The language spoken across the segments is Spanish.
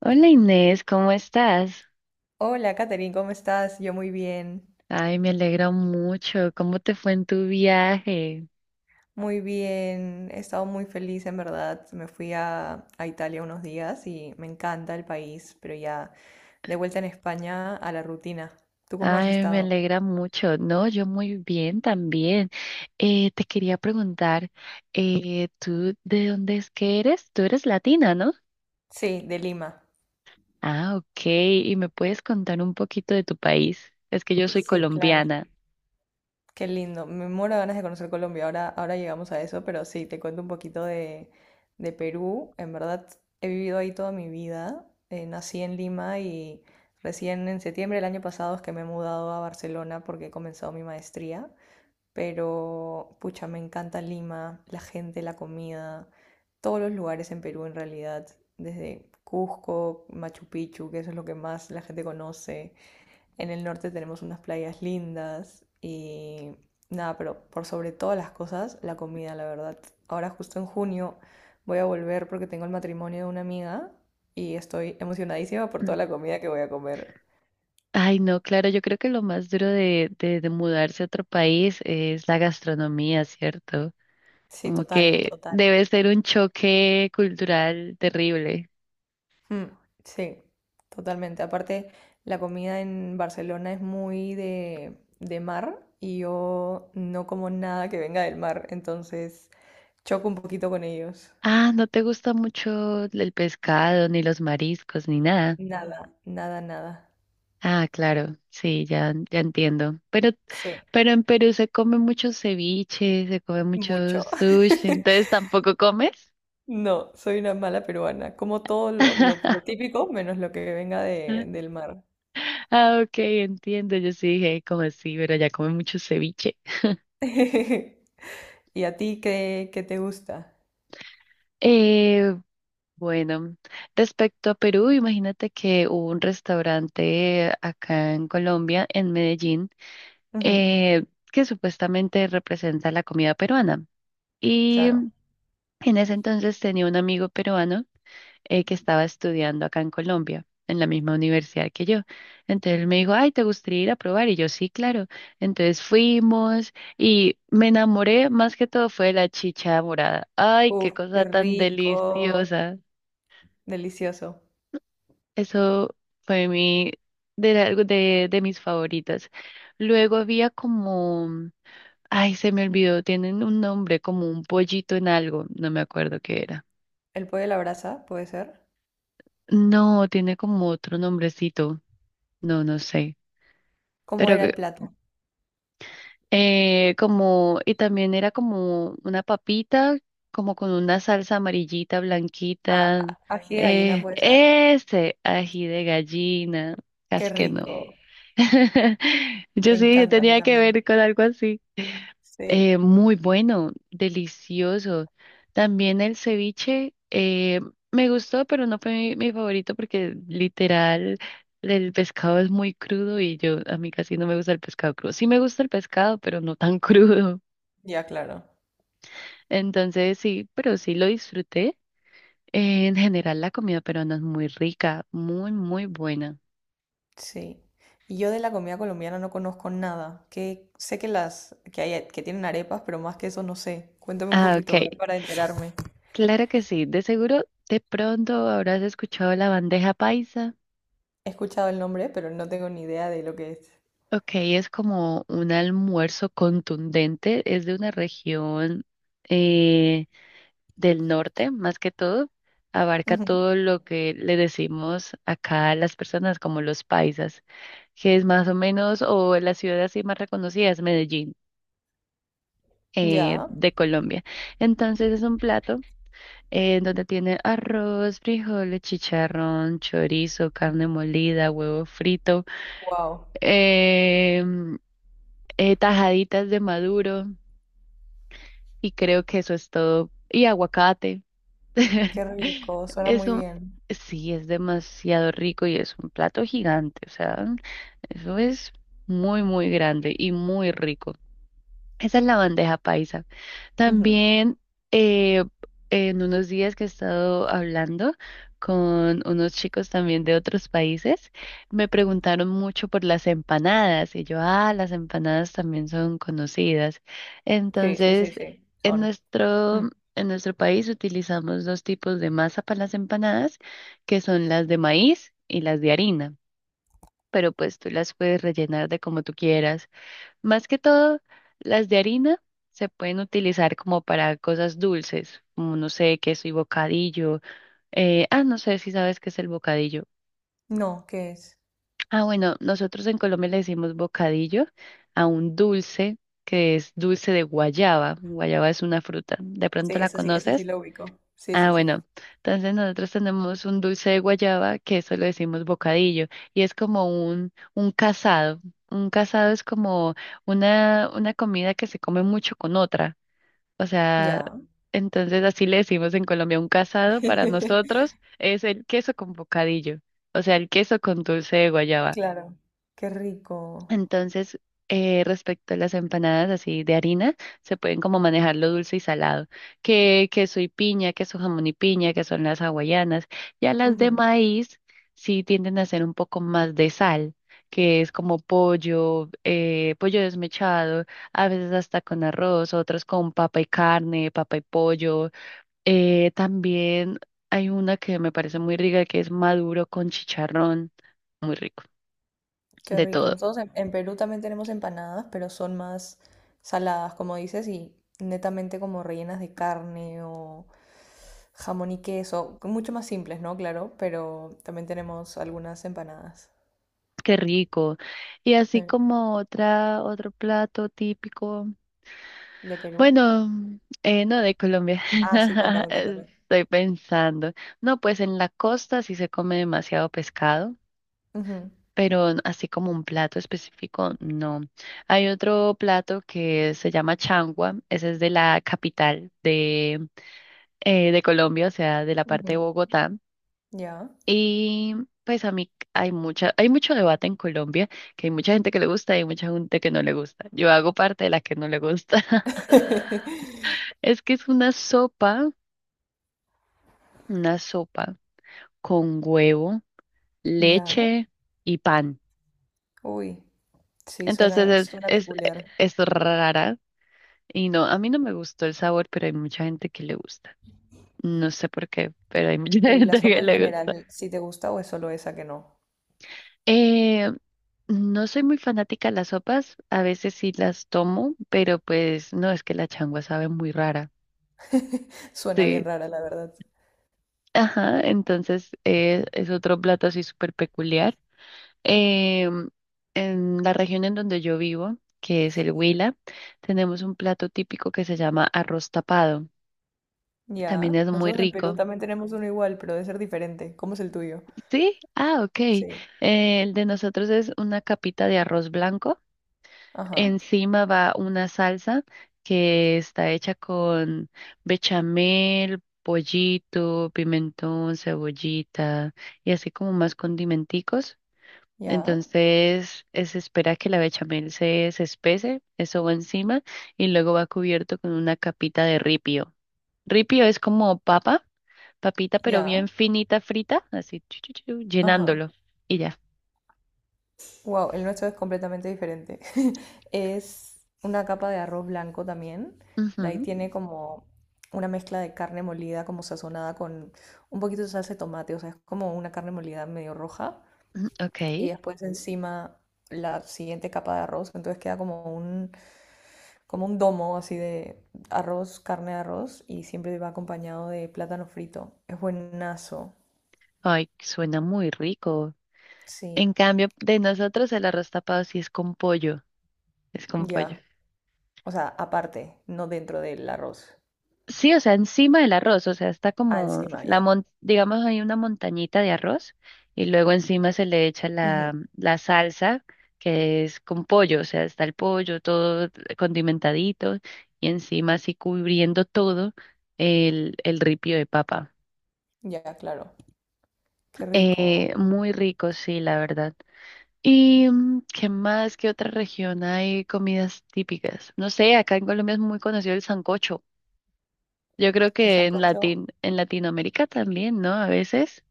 Hola Inés, ¿cómo estás? Hola, Katherine, ¿cómo estás? Yo muy bien, Ay, me alegra mucho. ¿Cómo te fue en tu viaje? muy bien. He estado muy feliz, en verdad. Me fui a Italia unos días y me encanta el país, pero ya de vuelta en España a la rutina. ¿Tú cómo has Ay, me estado? alegra mucho. No, yo muy bien también. Te quería preguntar, ¿tú de dónde es que eres? Tú eres latina, ¿no? Sí, de Lima. Ah, ok. ¿Y me puedes contar un poquito de tu país? Es que yo soy Sí, claro. colombiana. Qué lindo, me muero de ganas de conocer Colombia, ahora llegamos a eso, pero sí, te cuento un poquito de Perú. En verdad, he vivido ahí toda mi vida. Nací en Lima y recién en septiembre del año pasado es que me he mudado a Barcelona porque he comenzado mi maestría, pero pucha, me encanta Lima, la gente, la comida, todos los lugares en Perú en realidad, desde Cusco, Machu Picchu, que eso es lo que más la gente conoce. En el norte tenemos unas playas lindas y nada, pero por sobre todas las cosas, la comida, la verdad. Ahora justo en junio voy a volver porque tengo el matrimonio de una amiga y estoy emocionadísima por Mm. toda la comida que voy a comer. Ay, no, claro, yo creo que lo más duro de mudarse a otro país es la gastronomía, ¿cierto? Sí, Como total, que total. debe ser un choque cultural terrible. Mm, sí, totalmente. Aparte, la comida en Barcelona es muy de mar y yo no como nada que venga del mar, entonces choco un poquito con ellos. Ah, no te gusta mucho el pescado, ni los mariscos, ni nada. Nada, nada, nada. Ah, claro, sí, ya, ya entiendo. Sí. Pero en Perú se come muchos ceviches, se come muchos Mucho. sushi, entonces tampoco comes. No, soy una mala peruana. Como todo lo típico, menos lo que venga del mar. Ah, ok, entiendo. Yo sí dije, como así, pero ya come mucho ceviche. ¿Y a ti qué te gusta? Eh, Bueno, respecto a Perú, imagínate que hubo un restaurante acá en Colombia, en Medellín, Ujú, eh, que supuestamente representa la comida peruana. Y claro. en ese entonces tenía un amigo peruano, que estaba estudiando acá en Colombia, en la misma universidad que yo. Entonces él me dijo, ay, ¿te gustaría ir a probar? Y yo, sí, claro. Entonces fuimos y me enamoré, más que todo fue de la chicha morada. Ay, qué Uf, cosa qué tan rico. deliciosa. Delicioso. Eso fue mi de mis favoritas. Luego había como, ay, se me olvidó, tienen un nombre, como un pollito en algo, no me acuerdo qué era. ¿El pollo a la brasa puede ser? No, tiene como otro nombrecito, no, no sé. ¿Cómo Pero era el plato? Y también era como una papita, como con una salsa amarillita, Ah, blanquita. Ají de gallina puede ser. Ese ají de gallina, Qué casi que no. rico. Yo Me sí encanta a mí tenía que también. ver con algo así. Sí, Muy bueno, delicioso. También el ceviche me gustó, pero no fue mi favorito porque literal el pescado es muy crudo y yo a mí casi no me gusta el pescado crudo. Sí me gusta el pescado, pero no tan crudo. ya claro. Entonces sí, pero sí lo disfruté. En general la comida peruana es muy rica, muy, muy buena. Sí. Y yo de la comida colombiana no conozco nada. Que sé que las que hay que tienen arepas, pero más que eso no sé. Cuéntame un Ah, ok, poquito, a ver, para enterarme. claro que sí. De seguro, de pronto habrás escuchado la bandeja paisa. He escuchado el nombre, pero no tengo ni idea de lo que es. Ok, es como un almuerzo contundente, es de una región, eh, del norte, más que todo, abarca Ujú. todo lo que le decimos acá a las personas como los paisas, que es más o menos, o la ciudad así más reconocida es Medellín, Ya. de Colombia. Entonces es un plato, donde tiene arroz, frijoles, chicharrón, chorizo, carne molida, huevo frito, Wow. em, tajaditas de maduro. Y creo que eso es todo. Y aguacate. Qué rico. Suena muy Eso bien. sí es demasiado rico y es un plato gigante. O sea, eso es muy, muy grande y muy rico. Esa es la bandeja paisa. Ujú. También, eh, en unos días que he estado hablando con unos chicos también de otros países, me preguntaron mucho por las empanadas y yo, ah, las empanadas también son conocidas. Sí, sí, Entonces, sí, sí. en Son. nuestro, Mm. en nuestro país utilizamos dos tipos de masa para las empanadas, que son las de maíz y las de harina, pero pues tú las puedes rellenar de como tú quieras. Más que todo, las de harina se pueden utilizar como para cosas dulces, como no sé, queso y bocadillo. No sé si sabes qué es el bocadillo. No, ¿qué es? Ah, bueno, nosotros en Colombia le decimos bocadillo a un dulce que es dulce de guayaba. Guayaba es una fruta. ¿De Sí, pronto la ese sí, ese sí conoces? lo ubico. Sí, Ah, sí, sí. bueno, entonces nosotros tenemos un dulce de guayaba que eso lo decimos bocadillo y es como un casado. Un casado es como una comida que se come mucho con otra. O sea, Ya. entonces así le decimos en Colombia, un casado para nosotros es el queso con bocadillo, o sea, el queso con dulce de guayaba. Claro. Qué rico. Entonces, respecto a las empanadas así de harina, se pueden como manejar lo dulce y salado, que queso y piña, queso jamón y piña, que son las hawaianas. Ya las de maíz sí tienden a ser un poco más de sal, que es como pollo, pollo desmechado, a veces hasta con arroz, otras con papa y carne, papa y pollo. También hay una que me parece muy rica, que es maduro con chicharrón, muy rico, Qué de rico. todo. Nosotros en Perú también tenemos empanadas, pero son más saladas, como dices, y netamente como rellenas de carne o jamón y queso, mucho más simples, ¿no? Claro, pero también tenemos algunas empanadas. Qué rico. Y así Eh, como otra, otro plato típico. ¿De Perú? Bueno, no, de Colombia. Ah, sí, cuéntame, cuéntame. Estoy pensando. No, pues en la costa sí se come demasiado pescado, Ujú, pero así como un plato específico, no. Hay otro plato que se llama changua. Ese es de la capital de Colombia, o sea, de la parte de ujú, Bogotá. ya. Y pues a mí hay mucha, hay mucho debate en Colombia, que hay mucha gente que le gusta y hay mucha gente que no le gusta. Yo hago parte de la que no le gusta. Es que es una sopa con huevo, Ya. leche y pan. Uy, sí, Entonces suena, suena peculiar. es rara y no, a mí no me gustó el sabor, pero hay mucha gente que le gusta. No sé por qué, pero hay mucha Pero ¿y la gente que sopa en le gusta. general, si te gusta o es solo esa que no? Eh, no soy muy fanática de las sopas, a veces sí las tomo, pero pues no, es que la changua sabe muy rara. Suena bien Sí, rara, la verdad. ajá, entonces es otro plato así súper peculiar. Em, en la región en donde yo vivo, que es el Huila, tenemos un plato típico que se llama arroz tapado. También Ya, es muy nosotros en Perú rico. también tenemos uno igual, pero debe ser diferente. ¿Cómo es el tuyo? Sí, ah, ok. Sí. El de nosotros es una capita de arroz blanco. Ajá. Encima va una salsa que está hecha con bechamel, pollito, pimentón, cebollita y así como más condimenticos. Ya. Entonces, se espera que la bechamel se espese, eso va encima y luego va cubierto con una capita de ripio. Ripio es como papa, papita pero Ya. bien finita frita, así chu, chu, chu, Ajá. llenándolo y ya. Wow, el nuestro es completamente diferente. Es una capa de arroz blanco también. De ahí Ujú. tiene como una mezcla de carne molida, como sazonada con un poquito de salsa de tomate. O sea, es como una carne molida medio roja. Y Ok. después encima la siguiente capa de arroz. Entonces queda como un domo así de arroz, carne de arroz y siempre va acompañado de plátano frito. Es buenazo. Ay, suena muy rico. Sí, En cambio, de nosotros el arroz tapado sí es con pollo, es con pollo. ya. O sea, aparte, no dentro del arroz. Sí, o sea, encima del arroz, o sea, está Ah, como encima, la ya. Digamos hay una montañita de arroz y luego encima se le echa Ujú, la salsa que es con pollo, o sea, está el pollo todo condimentadito y encima así cubriendo todo el ripio de papa. ya, claro. Qué rico. Muy rico, sí, la verdad. ¿Y mm, qué más? ¿Qué otra región hay comidas típicas? No sé, acá en Colombia es muy conocido el sancocho. Yo creo El que en sancocho, en Latinoamérica también, ¿no? A veces.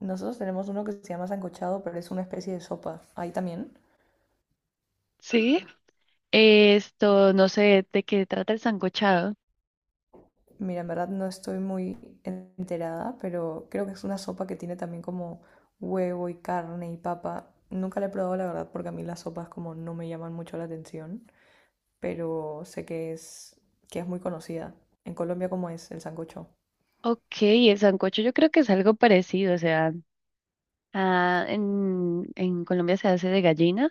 nosotros tenemos uno que se llama sancochado, pero es una especie de sopa. Ahí también. Sí, esto, no sé de qué trata el sancochado. Mira, en verdad no estoy muy enterada, pero creo que es una sopa que tiene también como huevo y carne y papa. Nunca la he probado, la verdad, porque a mí las sopas como no me llaman mucho la atención, pero sé que es muy conocida. En Colombia, ¿cómo es el sancocho? Ok, el sancocho yo creo que es algo parecido, o sea, ah, en Colombia se hace de gallina,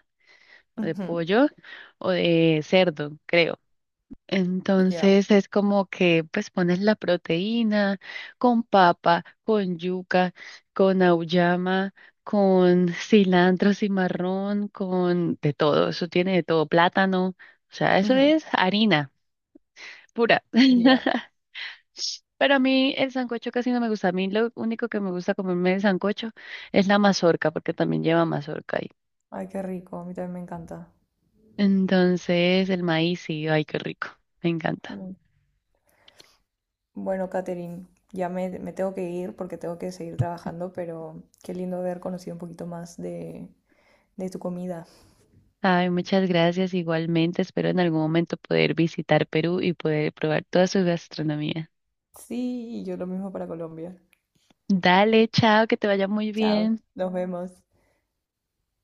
o de Ujú, pollo, o de cerdo, creo. ya, Entonces es como que pues pones la proteína con papa, con yuca, con auyama, con cilantro, cimarrón, con de todo, eso tiene de todo, plátano, o sea, eso ujú, es harina pura. ya. Pero a mí el sancocho casi no me gusta, a mí lo único que me gusta comerme el sancocho es la mazorca, porque también lleva mazorca ahí. Ay, qué rico, a mí también me encanta. Entonces el maíz, sí, ay, qué rico, me encanta. Mm. Bueno, Katherine, ya me tengo que ir porque tengo que seguir trabajando, pero qué lindo haber conocido un poquito más de tu comida. Ay, muchas gracias igualmente. Espero en algún momento poder visitar Perú y poder probar toda su gastronomía. Sí, y yo lo mismo para Colombia. Dale, chao, que te vaya muy Chao, bien. nos vemos.